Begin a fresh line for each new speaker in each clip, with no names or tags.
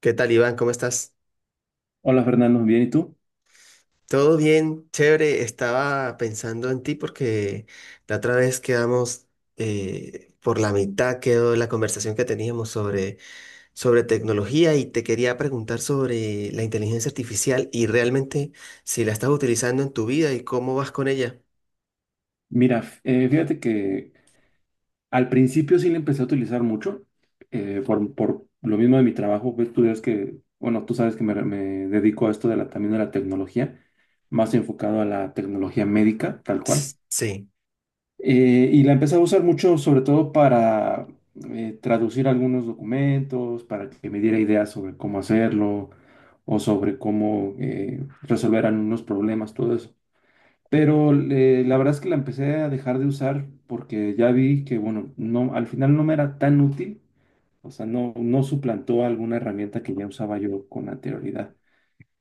¿Qué tal, Iván? ¿Cómo estás?
Hola Fernando, bien, ¿y tú?
Todo bien, chévere. Estaba pensando en ti porque la otra vez quedamos por la mitad, quedó la conversación que teníamos sobre tecnología y te quería preguntar sobre la inteligencia artificial y realmente si la estás utilizando en tu vida y cómo vas con ella.
Mira, fíjate que al principio sí le empecé a utilizar mucho, por lo mismo de mi trabajo, pues tú sabes que, bueno, tú sabes que me dedico a esto de la, también de la tecnología, más enfocado a la tecnología médica, tal cual.
Ps, sí,
Y la empecé a usar mucho, sobre todo para traducir algunos documentos, para que me diera ideas sobre cómo hacerlo o sobre cómo resolver algunos problemas, todo eso. Pero la verdad es que la empecé a dejar de usar porque ya vi que, bueno, no, al final no me era tan útil, o sea, no suplantó alguna herramienta que ya usaba yo con anterioridad.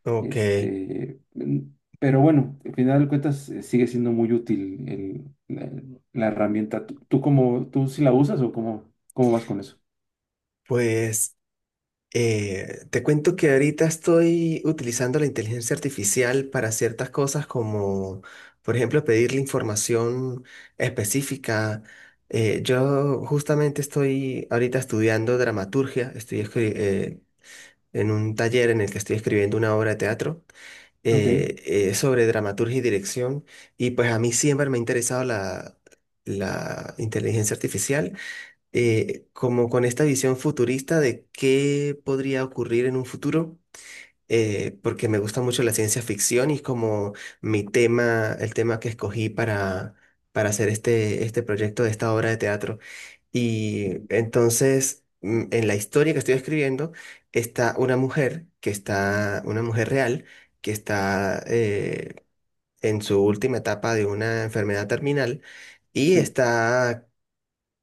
ok.
Este, mm, pero bueno, al final de cuentas sigue siendo muy útil la herramienta. ¿Tú cómo, tú sí la usas o cómo, cómo vas con eso?
Pues, te cuento que ahorita estoy utilizando la inteligencia artificial para ciertas cosas como, por ejemplo, pedirle información específica. Yo justamente estoy ahorita estudiando dramaturgia, en un taller en el que estoy escribiendo una obra de teatro,
Ok.
eh, sobre dramaturgia y dirección. Y pues a mí siempre me ha interesado la inteligencia artificial, como con esta visión futurista de qué podría ocurrir en un futuro, porque me gusta mucho la ciencia ficción, y como mi tema, el tema que escogí para hacer este proyecto de esta obra de teatro. Y
Ujú.
entonces, en la historia que estoy escribiendo, está una mujer que está, una mujer real, que está en su última etapa de una enfermedad terminal, y
Sí,
está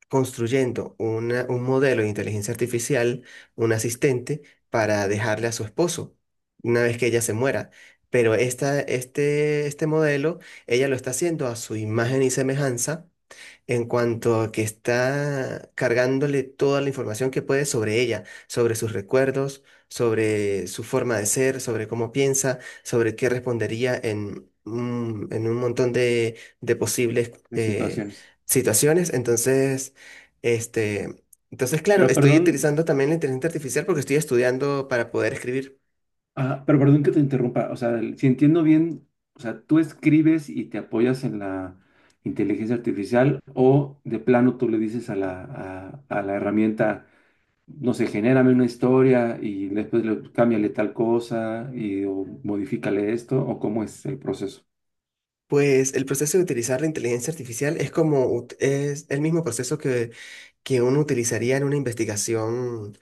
construyendo un modelo de inteligencia artificial, un asistente, para dejarle a su esposo una vez que ella se muera. Pero este modelo, ella lo está haciendo a su imagen y semejanza, en cuanto a que está cargándole toda la información que puede sobre ella, sobre sus recuerdos, sobre su forma de ser, sobre cómo piensa, sobre qué respondería en, en un montón de, posibles,
de situaciones.
situaciones. Entonces, este, entonces, claro,
Pero
estoy
perdón.
utilizando también la inteligencia artificial porque estoy estudiando para poder escribir.
Ah, pero perdón que te interrumpa, o sea, el- si entiendo bien, o sea, tú escribes y te apoyas en la inteligencia artificial o de plano tú le dices a la herramienta, no sé, genérame una historia y después le, cámbiale tal cosa y o modifícale esto o cómo es el proceso.
Pues el proceso de utilizar la inteligencia artificial es es el mismo proceso que uno utilizaría en una investigación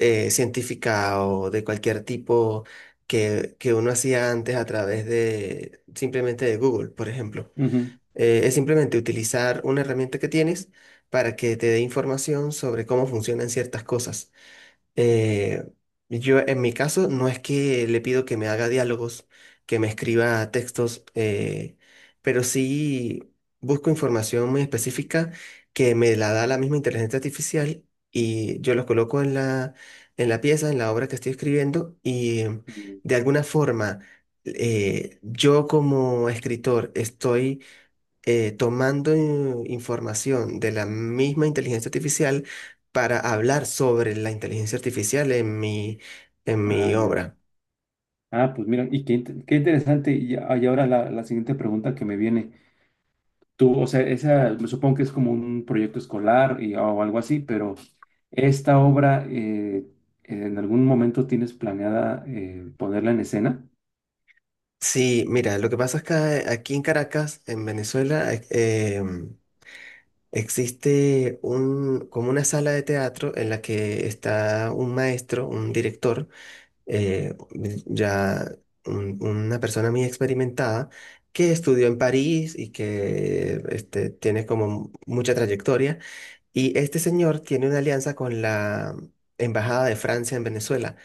científica o de cualquier tipo, que uno hacía antes a través de simplemente de Google, por ejemplo.
Ujú.
Es simplemente utilizar una herramienta que tienes para que te dé información sobre cómo funcionan ciertas cosas. Eh, yo en mi caso no es que le pido que me haga diálogos, que me escriba textos, pero sí busco información muy específica, que me la da la misma inteligencia artificial, y yo los coloco en la pieza, en la obra que estoy escribiendo. Y
Mm.
de alguna forma, yo como escritor estoy tomando, información de la misma inteligencia artificial para hablar sobre la inteligencia artificial en mi, en
Ah,
mi
ya.
obra.
Ah, pues mira, y qué, int- qué interesante. Y, a- y ahora la siguiente pregunta que me viene. Tú, o sea, esa, me supongo que es como un proyecto escolar y, o algo así, pero esta obra, ¿en algún momento tienes planeada ponerla en escena?
Sí, mira, lo que pasa es que aquí en Caracas, en Venezuela, existe como una sala de teatro en la que está un maestro, un director, eh, ya una persona muy experimentada, que estudió en París y que tiene como mucha trayectoria. Y este señor tiene una alianza con la Embajada de Francia en Venezuela.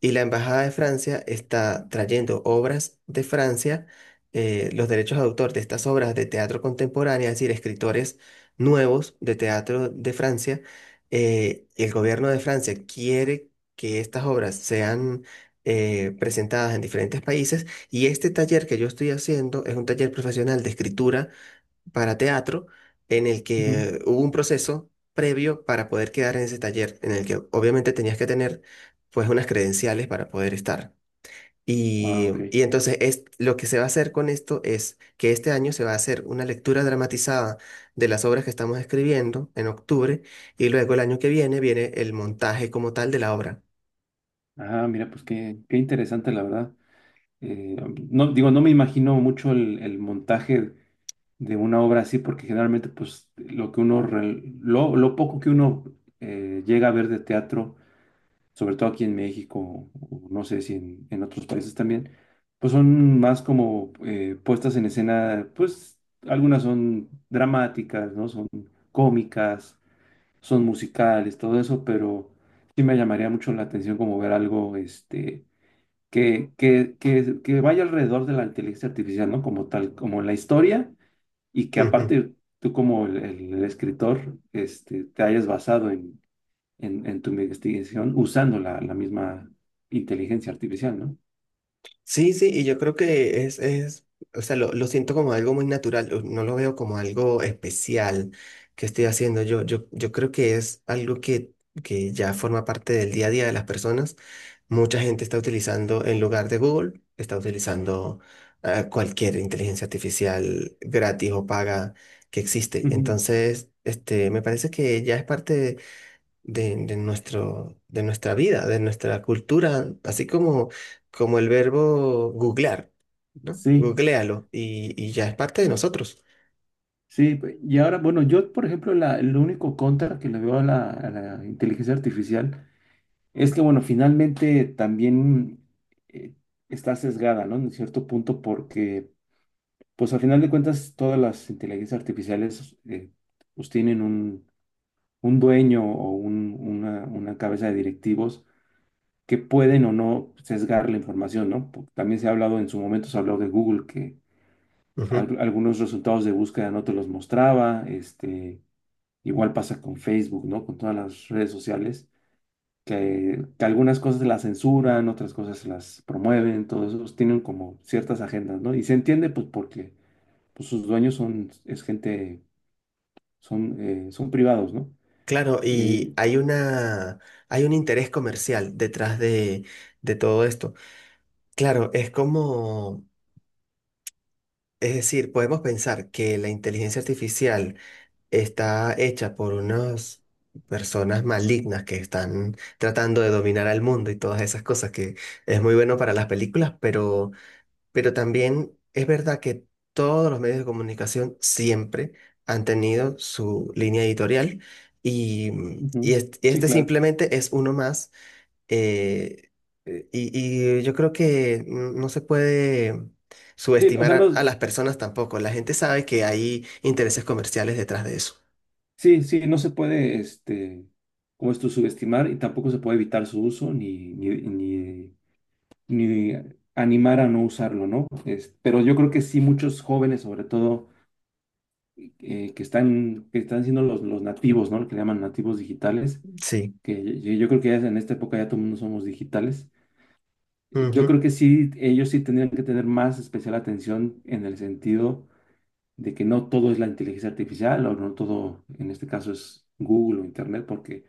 Y la Embajada de Francia está trayendo obras de Francia, los derechos de autor de estas obras de teatro contemporáneo, es decir, escritores nuevos de teatro de Francia. Y el gobierno de Francia quiere que estas obras sean presentadas en diferentes países. Y este taller que yo estoy haciendo es un taller profesional de escritura para teatro, en el
Ujú.
que hubo un proceso previo para poder quedar en ese taller, en el que obviamente tenías que tener pues unas credenciales para poder estar.
Ah,
Y,
ok.
y entonces es, lo que se va a hacer con esto es que este año se va a hacer una lectura dramatizada de las obras que estamos escribiendo en octubre, y luego el año que viene viene el montaje como tal de la obra.
Ah, mira, pues qué, qué interesante, la verdad. Eh, no, digo, no me imagino mucho el montaje de una obra así, porque generalmente, pues, lo que uno, lo poco que uno llega a ver de teatro sobre todo aquí en México, o no sé si en, en otros países también, pues son más como puestas en escena, pues algunas son dramáticas, ¿no? Son cómicas, son musicales, todo eso, pero sí me llamaría mucho la atención como ver algo, este, que, que vaya alrededor de la inteligencia artificial, ¿no? Como tal, como la historia, y que aparte tú como el escritor, este, te hayas basado en en tu investigación usando la misma inteligencia artificial, ¿no?
Sí, sí, y yo creo que es, o sea, lo siento como algo muy natural, o no lo veo como algo especial que estoy haciendo. Yo creo que es algo que ya forma parte del día a día de las personas. Mucha gente está utilizando, en lugar de Google, está utilizando cualquier inteligencia artificial gratis o paga que existe.
Ujú.
Entonces, me parece que ya es parte de nuestra vida, de nuestra cultura, así como el verbo googlear, ¿no?
Sí,
Googléalo, y, ya es parte de nosotros.
sí. Pe- y ahora, bueno, yo, por ejemplo, la, el único contra que le veo a la inteligencia artificial es que, bueno, finalmente también eh, está sesgada, ¿no? En cierto punto, porque, pues, al final de cuentas, todas las inteligencias artificiales, pues, tienen un dueño o una cabeza de directivos que pueden o no sesgar la información, ¿no? Porque también se ha hablado en su momento, se ha hablado de Google que
Ujú.
al- algunos resultados de búsqueda no te los mostraba, este, igual pasa con Facebook, ¿no? Con todas las redes sociales, que algunas cosas las censuran, otras cosas las promueven, todos esos tienen como ciertas agendas, ¿no? Y se entiende pues porque pues, sus dueños son, es gente, son, son privados, ¿no?
Claro, y
Eh,
hay un interés comercial detrás de todo esto. Claro, es es decir, podemos pensar que la inteligencia artificial está hecha por unas personas malignas que están tratando de dominar al mundo y todas esas cosas que es muy bueno para las películas, pero, también es verdad que todos los medios de comunicación siempre han tenido su línea editorial. y, mm, y
ujú.
est- y
Sí,
este
claro.
simplemente es uno más. eh, yo creo que no se puede
Sí, o
subestimar
sea,
a
no,
las personas tampoco. La gente sabe que hay intereses comerciales detrás de eso.
sí, sí, no se puede, este, como esto, subestimar y tampoco se puede evitar su uso ni, ni, ni, ni animar a no usarlo, ¿no? Es- pero yo creo que sí, muchos jóvenes, sobre todo, que están siendo los nativos, ¿no? Lo que llaman nativos digitales,
Sí,
que yo creo que ya en esta época ya todo el mundo somos digitales. Yo
ujú,
creo que sí, ellos sí tendrían que tener más especial atención en el sentido de que no todo es la inteligencia artificial o no todo, en este caso, es Google o Internet, porque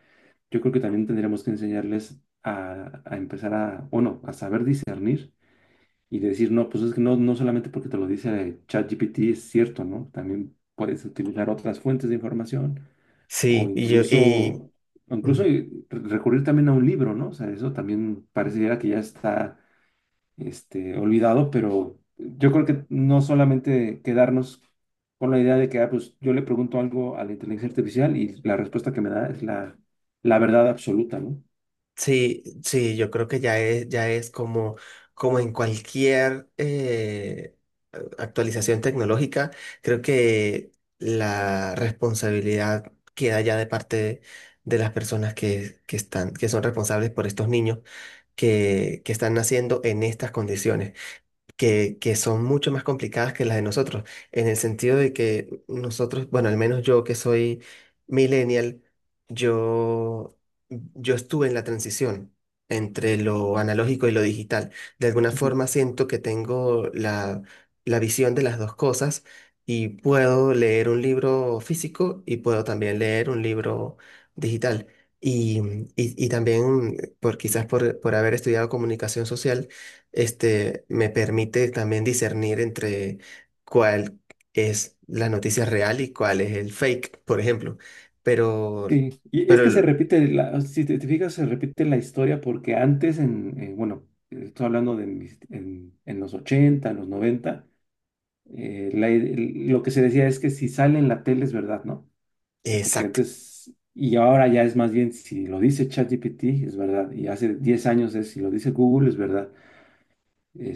yo creo que también tendríamos que enseñarles a empezar a, o no, a saber discernir y decir, no, pues es que no, no solamente porque te lo dice ChatGPT es cierto, ¿no? También puedes utilizar otras fuentes de información
sí,
o
mm,
incluso recurrir también a un libro, ¿no? O sea, eso también pareciera que ya está, este, olvidado, pero yo creo que no solamente quedarnos con la idea de que, ah, pues yo le pregunto algo a la inteligencia artificial y la respuesta que me da es la, la verdad absoluta, ¿no?
sí, sí, yo creo que ya es como, en cualquier actualización tecnológica. Creo que la responsabilidad queda ya de parte de las personas que son responsables por estos niños que están naciendo en estas condiciones, que son mucho más complicadas que las de nosotros, en el sentido de que nosotros, bueno, al menos yo que soy millennial, yo, yo estuve en la transición entre lo analógico y lo digital. De alguna
Ujú.
forma siento que tengo la visión de las dos cosas, y puedo leer un libro físico y puedo también leer un libro digital. Y, y también quizás por haber estudiado comunicación social, me permite también discernir entre cuál es la noticia real y cuál es el fake, por ejemplo. Pero,
Sí, y es
pero,
que se
el-
repite, la, si te, te fijas, se repite la historia porque antes, en, bueno, estoy hablando de mis- en los 80, en los 90, la lo que se decía es que si sale en la tele es verdad, ¿no? Porque
exacto,
antes, y ahora ya es más bien si lo dice ChatGPT es verdad, y hace 10 años es si lo dice Google es verdad.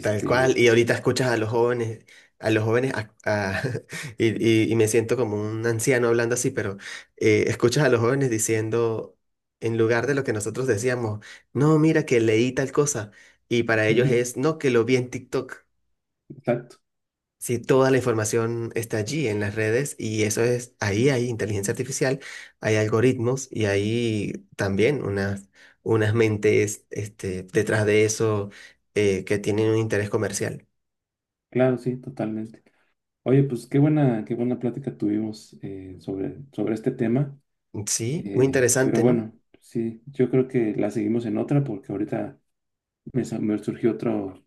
tal cual. Y ahorita escuchas a los jóvenes, a los jóvenes, a- a- y, y me siento como un anciano hablando así, pero escuchas a los jóvenes diciendo, en lugar de lo que nosotros decíamos, no, mira que leí tal cosa. Y para ellos
ujú,
es, no, que lo vi en TikTok.
exacto,
Sí, toda la información está allí en las redes, y eso es, ahí hay inteligencia artificial, hay algoritmos y hay también unas mentes, detrás de eso, que tienen un interés comercial.
claro, sí, totalmente. Oye, pues qué buena plática tuvimos sobre, sobre este tema.
Sí, muy
Pero
interesante, ¿no?
bueno, sí, yo creo que la seguimos en otra porque ahorita me, sa- me surgió otro,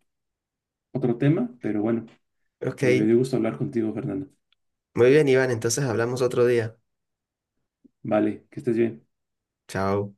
otro tema, pero bueno,
Ok,
me dio gusto hablar contigo, Fernando.
muy bien, Iván, entonces hablamos otro día.
Vale, que estés bien.
Chao.